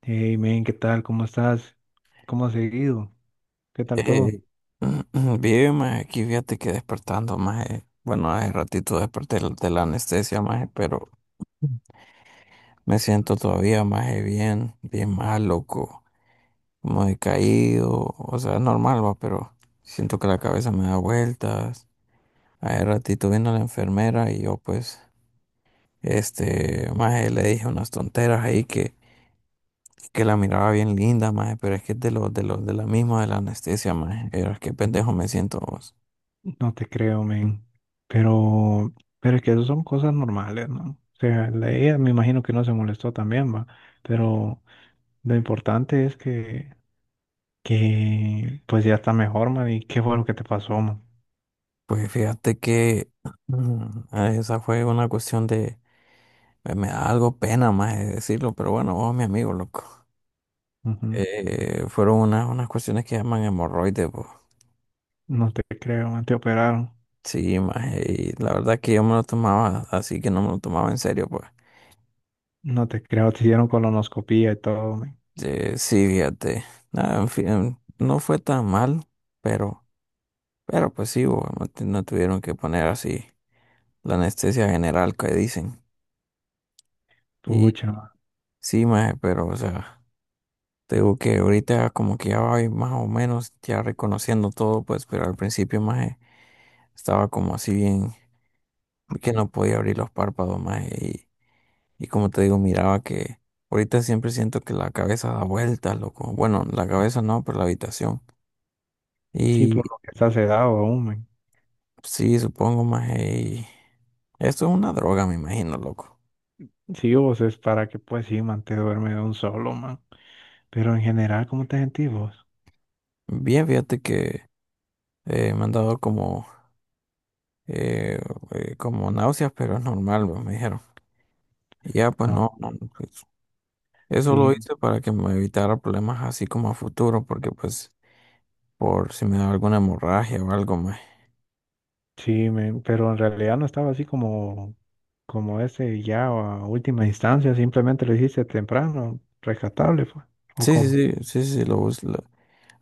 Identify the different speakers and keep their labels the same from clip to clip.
Speaker 1: Hey, men, ¿qué tal? ¿Cómo estás? ¿Cómo has seguido? ¿Qué tal todo?
Speaker 2: Eh, bien, maje, aquí fíjate que despertando, maje. Bueno, hace ratito desperté de la anestesia, maje, pero me siento todavía, maje, bien, bien mal, loco. Como decaído, o sea, es normal, va, pero siento que la cabeza me da vueltas. Hace ratito vino la enfermera y yo, pues, maje, le dije unas tonteras ahí que la miraba bien linda, maje, pero es que es de de la misma de la anestesia, maje. Era que pendejo me siento.
Speaker 1: No te creo, men. Pero, pero es que eso son cosas normales, ¿no? O sea, ella me imagino que no se molestó también, va. Pero lo importante es que pues ya está mejor, man. ¿Y qué fue lo que te pasó, man?
Speaker 2: Pues fíjate que esa fue una cuestión de, me da algo pena más de decirlo, pero bueno, vos, mi amigo, loco.
Speaker 1: Ujú.
Speaker 2: Fueron unas cuestiones que llaman hemorroides, pues.
Speaker 1: No te creo, man. Te operaron.
Speaker 2: Sí, más, y la verdad que yo me lo tomaba, así que no me lo tomaba en serio, pues.
Speaker 1: No te creo. Te hicieron colonoscopía y todo, men.
Speaker 2: Sí, fíjate. Nada, en fin, no fue tan mal, pero, pero pues sí, bo, no, no tuvieron que poner así la anestesia general que dicen. Y
Speaker 1: Pucha, man.
Speaker 2: sí, más, pero, o sea. Te digo que ahorita como que ya voy más o menos ya reconociendo todo, pues, pero al principio más estaba como así bien, que no podía abrir los párpados más y como te digo, miraba que ahorita siempre siento que la cabeza da vueltas, loco. Bueno, la cabeza no, pero la habitación.
Speaker 1: Sí,
Speaker 2: Y
Speaker 1: por lo que estás sedado aún, men.
Speaker 2: sí, supongo más y esto es una droga, me imagino, loco.
Speaker 1: Sí, vos es para que, pues sí, man, te duerme de un solo, man. Pero en general, ¿cómo te sentís vos?
Speaker 2: Bien, fíjate que me han dado como, eh, como náuseas, pero es normal, pues, me dijeron. Y ya, pues
Speaker 1: No,
Speaker 2: no, no, pues, eso lo
Speaker 1: sí,
Speaker 2: hice para que me evitara problemas así como a futuro, porque pues por si me da alguna hemorragia o algo más.
Speaker 1: sí, pero en realidad no estaba así como, como ese ya a última instancia, simplemente lo hiciste temprano, rescatable fue, ¿o
Speaker 2: Sí, sí,
Speaker 1: cómo?
Speaker 2: sí, sí, sí,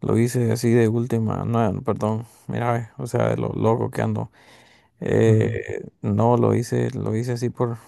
Speaker 2: lo hice así de última, no, no, perdón, mira, ve, o sea, de lo loco que ando.
Speaker 1: Ujú.
Speaker 2: No, lo hice así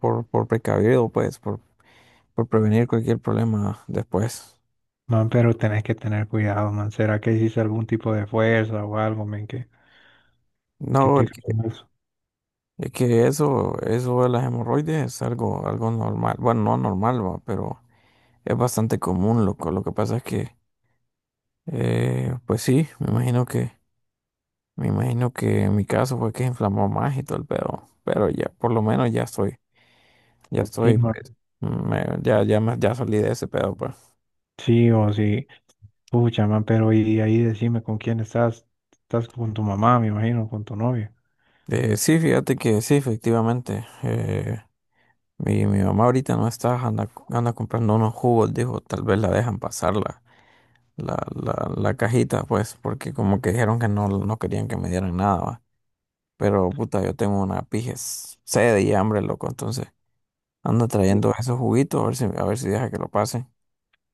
Speaker 2: por precavido, pues, por prevenir cualquier problema después.
Speaker 1: Man, pero tenés que tener cuidado, man. ¿Será que hiciste algún tipo de fuerza o algo, man, que
Speaker 2: No,
Speaker 1: te causó eso?
Speaker 2: es que eso de las hemorroides es algo normal, bueno, no normal, va, pero es bastante común, loco. Lo que pasa es que pues sí, me imagino que en mi caso fue que inflamó más y todo el pedo, pero ya, por lo menos ya
Speaker 1: Sí,
Speaker 2: estoy,
Speaker 1: man.
Speaker 2: pues, ya salí de ese pedo, pues.
Speaker 1: Sí, o sí. Pucha, man, pero y ahí decime con quién estás. Estás con tu mamá, me imagino, con tu novia.
Speaker 2: Sí, fíjate que sí, efectivamente, mi mamá ahorita no está, anda comprando unos jugos, dijo, tal vez la dejan pasar la cajita, pues, porque como que dijeron que no, no querían que me dieran nada, va. Pero, puta, yo tengo una pijes sed y hambre, loco, entonces. Anda trayendo esos juguitos, a ver si deja que lo pase.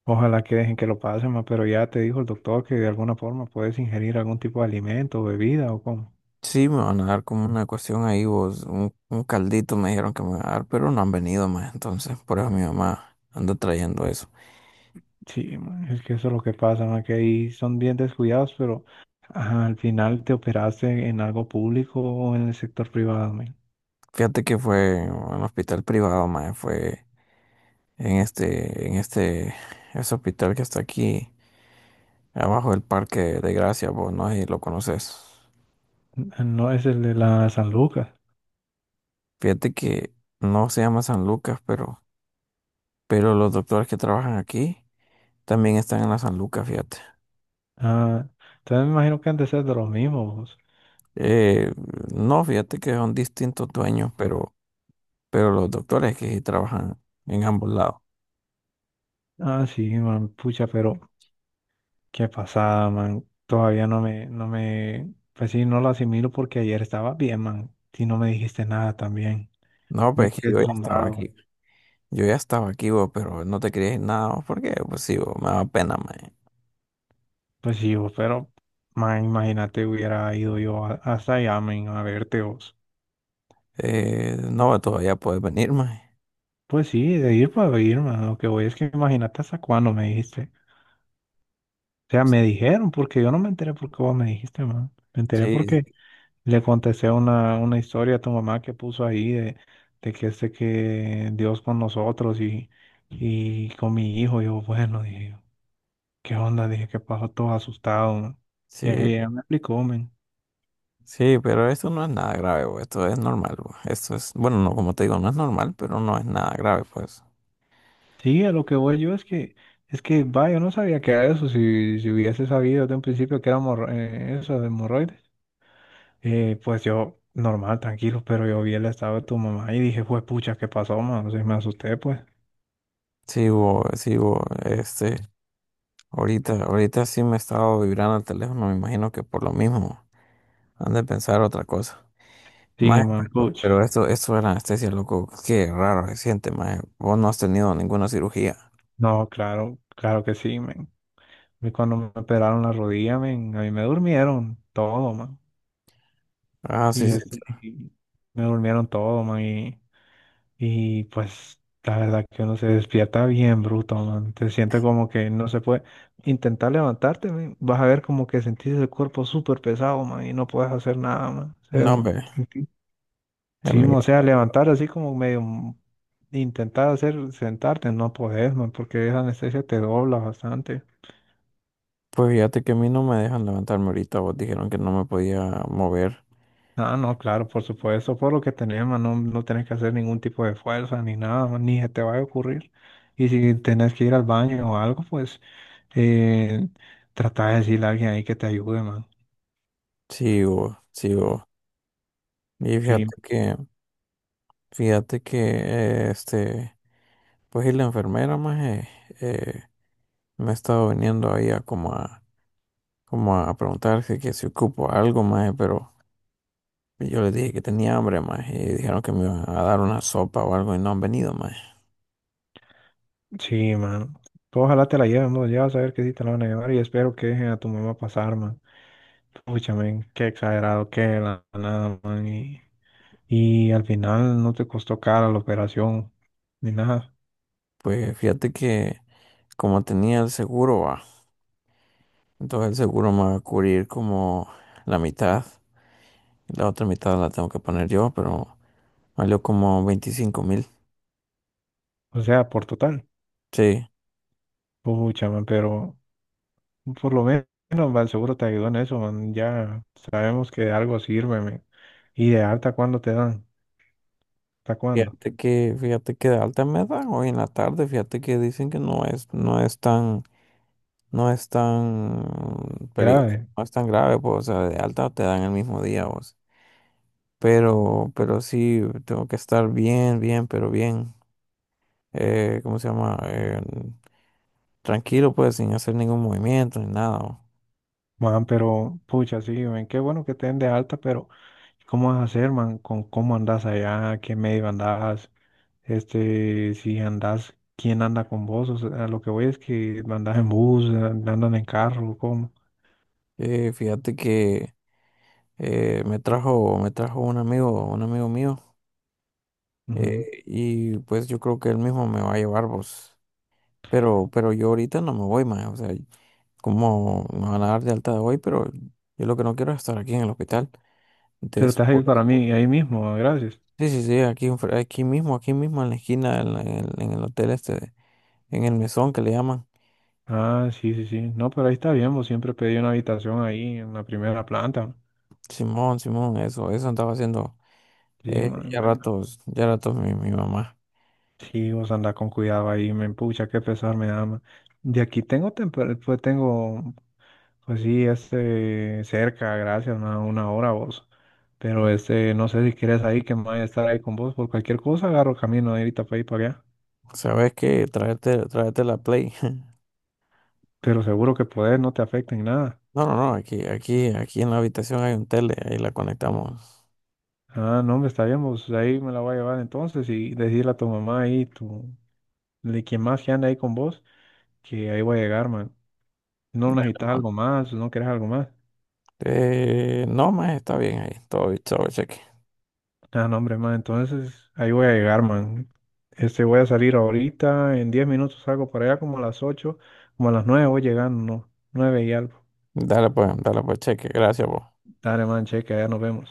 Speaker 1: Ojalá que dejen que lo pasen, ma, pero ya te dijo el doctor que de alguna forma puedes ingerir algún tipo de alimento o bebida o cómo.
Speaker 2: Sí, me van a dar como una cuestión ahí, vos, un caldito me dijeron que me van a dar, pero no han venido más, entonces por eso mi mamá anda trayendo eso.
Speaker 1: Sí, ma, es que eso es lo que pasa, ma, que ahí son bien descuidados, pero ajá, al final te operaste en algo público o en el sector privado, ma.
Speaker 2: Fíjate que fue en un hospital privado, más fue en este, ese hospital que está aquí, abajo del Parque de Gracia, vos, no sé si lo conoces.
Speaker 1: No es el de la San Lucas.
Speaker 2: Fíjate que no se llama San Lucas, pero los doctores que trabajan aquí también están en la San Lucas, fíjate.
Speaker 1: Ah, entonces me imagino que han de ser de los mismos.
Speaker 2: Eh, no, fíjate que son distintos dueños, pero los doctores que sí trabajan en ambos lados.
Speaker 1: Ah, sí, man, pucha, pero qué pasada, man. Todavía no me, pues sí, no lo asimilo porque ayer estaba bien, man, y no me dijiste nada también.
Speaker 2: No,
Speaker 1: Me
Speaker 2: pues que
Speaker 1: quedé
Speaker 2: yo ya estaba
Speaker 1: asombrado.
Speaker 2: aquí. Yo ya estaba aquí, vos, pero no te quería ir nada, vos, porque pues sí, vos, me da pena, mae.
Speaker 1: Pues sí, vos, pero ma, imagínate hubiera ido hasta allá, men, a verte vos.
Speaker 2: No, todavía puedes venir, mae.
Speaker 1: Pues sí, de ir para ir, man. Lo que voy es que imagínate hasta cuándo me dijiste. O sea, me dijeron, porque yo no me enteré porque vos me dijiste, man. Me enteré
Speaker 2: Sí,
Speaker 1: porque le contesté una historia a tu mamá que puso ahí de que este que Dios con nosotros y con mi hijo. Yo, bueno, dije, ¿qué onda? Dije, ¿qué pasó? Todo asustado, man. Y
Speaker 2: sí,
Speaker 1: ella me explicó, men.
Speaker 2: sí, pero esto no es nada grave, vos. Esto es normal, vos. Esto es, bueno, no, como te digo, no es normal, pero no es nada grave, pues.
Speaker 1: Sí, a lo que voy yo es que, va, yo no sabía que era eso. Si hubiese sabido desde un principio que era eso de hemorroides, pues yo, normal, tranquilo, pero yo vi el estado de tu mamá y dije, pues, pucha, ¿qué pasó, man? O sea, me asusté, pues.
Speaker 2: Sí, vos, este, ahorita sí me he estado vibrando el teléfono, me imagino que por lo mismo. Han de pensar otra cosa.
Speaker 1: Sí,
Speaker 2: Mae,
Speaker 1: man, pucha.
Speaker 2: esto de anestesia, loco, qué raro se siente, mae. Vos no has tenido ninguna cirugía.
Speaker 1: No, claro, claro que sí, men. A mí cuando me operaron la rodilla, men, a mí me durmieron todo, man.
Speaker 2: Ah, sí,
Speaker 1: Y,
Speaker 2: sí.
Speaker 1: este, y me durmieron todo, man. Y pues la verdad que uno se despierta bien bruto, man. Te sientes como que no se puede intentar levantarte, man. Vas a ver como que sentís el cuerpo súper pesado, man, y no puedes hacer nada, man. O sea,
Speaker 2: No, hombre.
Speaker 1: sentí- sí, man, o
Speaker 2: Amigo.
Speaker 1: sea, levantar así como intentar hacer sentarte, no podés, man, porque esa anestesia te dobla bastante.
Speaker 2: Pues fíjate que a mí no me dejan levantarme ahorita. Vos dijeron que no me podía mover.
Speaker 1: Ah, no, claro, por supuesto, por lo que tenés, man, no, no tenés que hacer ningún tipo de fuerza ni nada, man, ni se te va a ocurrir. Y si tenés que ir al baño o algo, pues Eh, trata de decirle a alguien ahí que te ayude, man.
Speaker 2: Sigo, sigo. Y
Speaker 1: Sí,
Speaker 2: fíjate que, este, pues y la enfermera, mae, eh, me ha estado viniendo ahí como a preguntar que si ocupo algo, mae, pero. Y yo les dije que tenía hambre, más, y dijeron que me iban a dar una sopa o algo y no han venido, más.
Speaker 1: sí, man. Tú ojalá te la lleven, vos. Ya vas a ver que sí te la van a llevar y espero que dejen a tu mamá pasar, man. Pucha, men, qué exagerado que de la nada, man. Y al final no te costó cara la operación ni nada.
Speaker 2: Pues fíjate que como tenía el seguro, va, entonces el seguro me va a cubrir como la mitad, y la otra mitad la tengo que poner yo, pero valió como 25,000.
Speaker 1: O sea, por total.
Speaker 2: Sí.
Speaker 1: Pucha, man, pero por lo menos, man, seguro te ayudó en eso, man. Ya sabemos que de algo sirve, men. Y de alta, ¿cuándo te dan? ¿Hasta cuándo?
Speaker 2: Fíjate fíjate que de alta me dan hoy en la tarde, fíjate que dicen que no no es tan, no es tan peligroso,
Speaker 1: Grave.
Speaker 2: no es tan grave, pues, o sea, de alta te dan el mismo día, vos. Pero sí, tengo que estar bien, bien, pero bien. ¿Cómo se llama? Tranquilo, pues, sin hacer ningún movimiento ni nada, ¿no?
Speaker 1: Man, pero pucha, sí, ven, qué bueno que te den de alta, pero ¿cómo vas a hacer, man? ¿Con cómo andas allá? ¿Qué medio andas? Este, si andas, ¿quién anda con vos? O sea, lo que voy es que andas en bus, andan en carro, ¿cómo?
Speaker 2: Fíjate que me trajo un amigo mío,
Speaker 1: Ujú.
Speaker 2: y pues yo creo que él mismo me va a llevar, pues. Pero yo ahorita no me voy, más. O sea, como me van a dar de alta de hoy, pero yo lo que no quiero es estar aquí en el hospital.
Speaker 1: Pero te vas a
Speaker 2: Después,
Speaker 1: ir para mí, ahí mismo, gracias.
Speaker 2: sí, sí, sí, aquí mismo en la esquina, en el hotel este, en el mesón que le llaman.
Speaker 1: Ah, sí, sí, sí. No, pero ahí está bien, vos siempre pedí una habitación ahí en la primera planta.
Speaker 2: Simón, Simón, eso andaba haciendo
Speaker 1: Sí, man.
Speaker 2: ya ratos mi mamá.
Speaker 1: Sí, vos andás con cuidado ahí, me pucha, qué pesar me da, man. De aquí tengo, pues tengo. Pues sí, este, cerca, gracias, una hora vos. Pero este, no sé si quieres ahí, que me vaya a estar ahí con vos. Por cualquier cosa agarro camino de ahorita para ahí para allá.
Speaker 2: ¿Sabes qué? Tráete la Play.
Speaker 1: Pero seguro que podés, no te afecta en nada.
Speaker 2: No, no, no, aquí en la habitación hay un tele, ahí la conectamos.
Speaker 1: Ah, no, me está bien, vos ahí me la voy a llevar entonces y decirle a tu mamá ahí, tu, de quien más que anda ahí con vos, que ahí voy a llegar, man. No necesitas algo más, no quieres algo más.
Speaker 2: No, más está bien ahí, todo, todo cheque.
Speaker 1: Ah, no, hombre, man, entonces ahí voy a llegar, man. Este, voy a salir ahorita, en 10 minutos salgo para allá como a las 8, como a las 9 voy llegando, ¿no? 9 y algo.
Speaker 2: Dale pues cheque, gracias vos.
Speaker 1: Dale, man, cheque, allá nos vemos.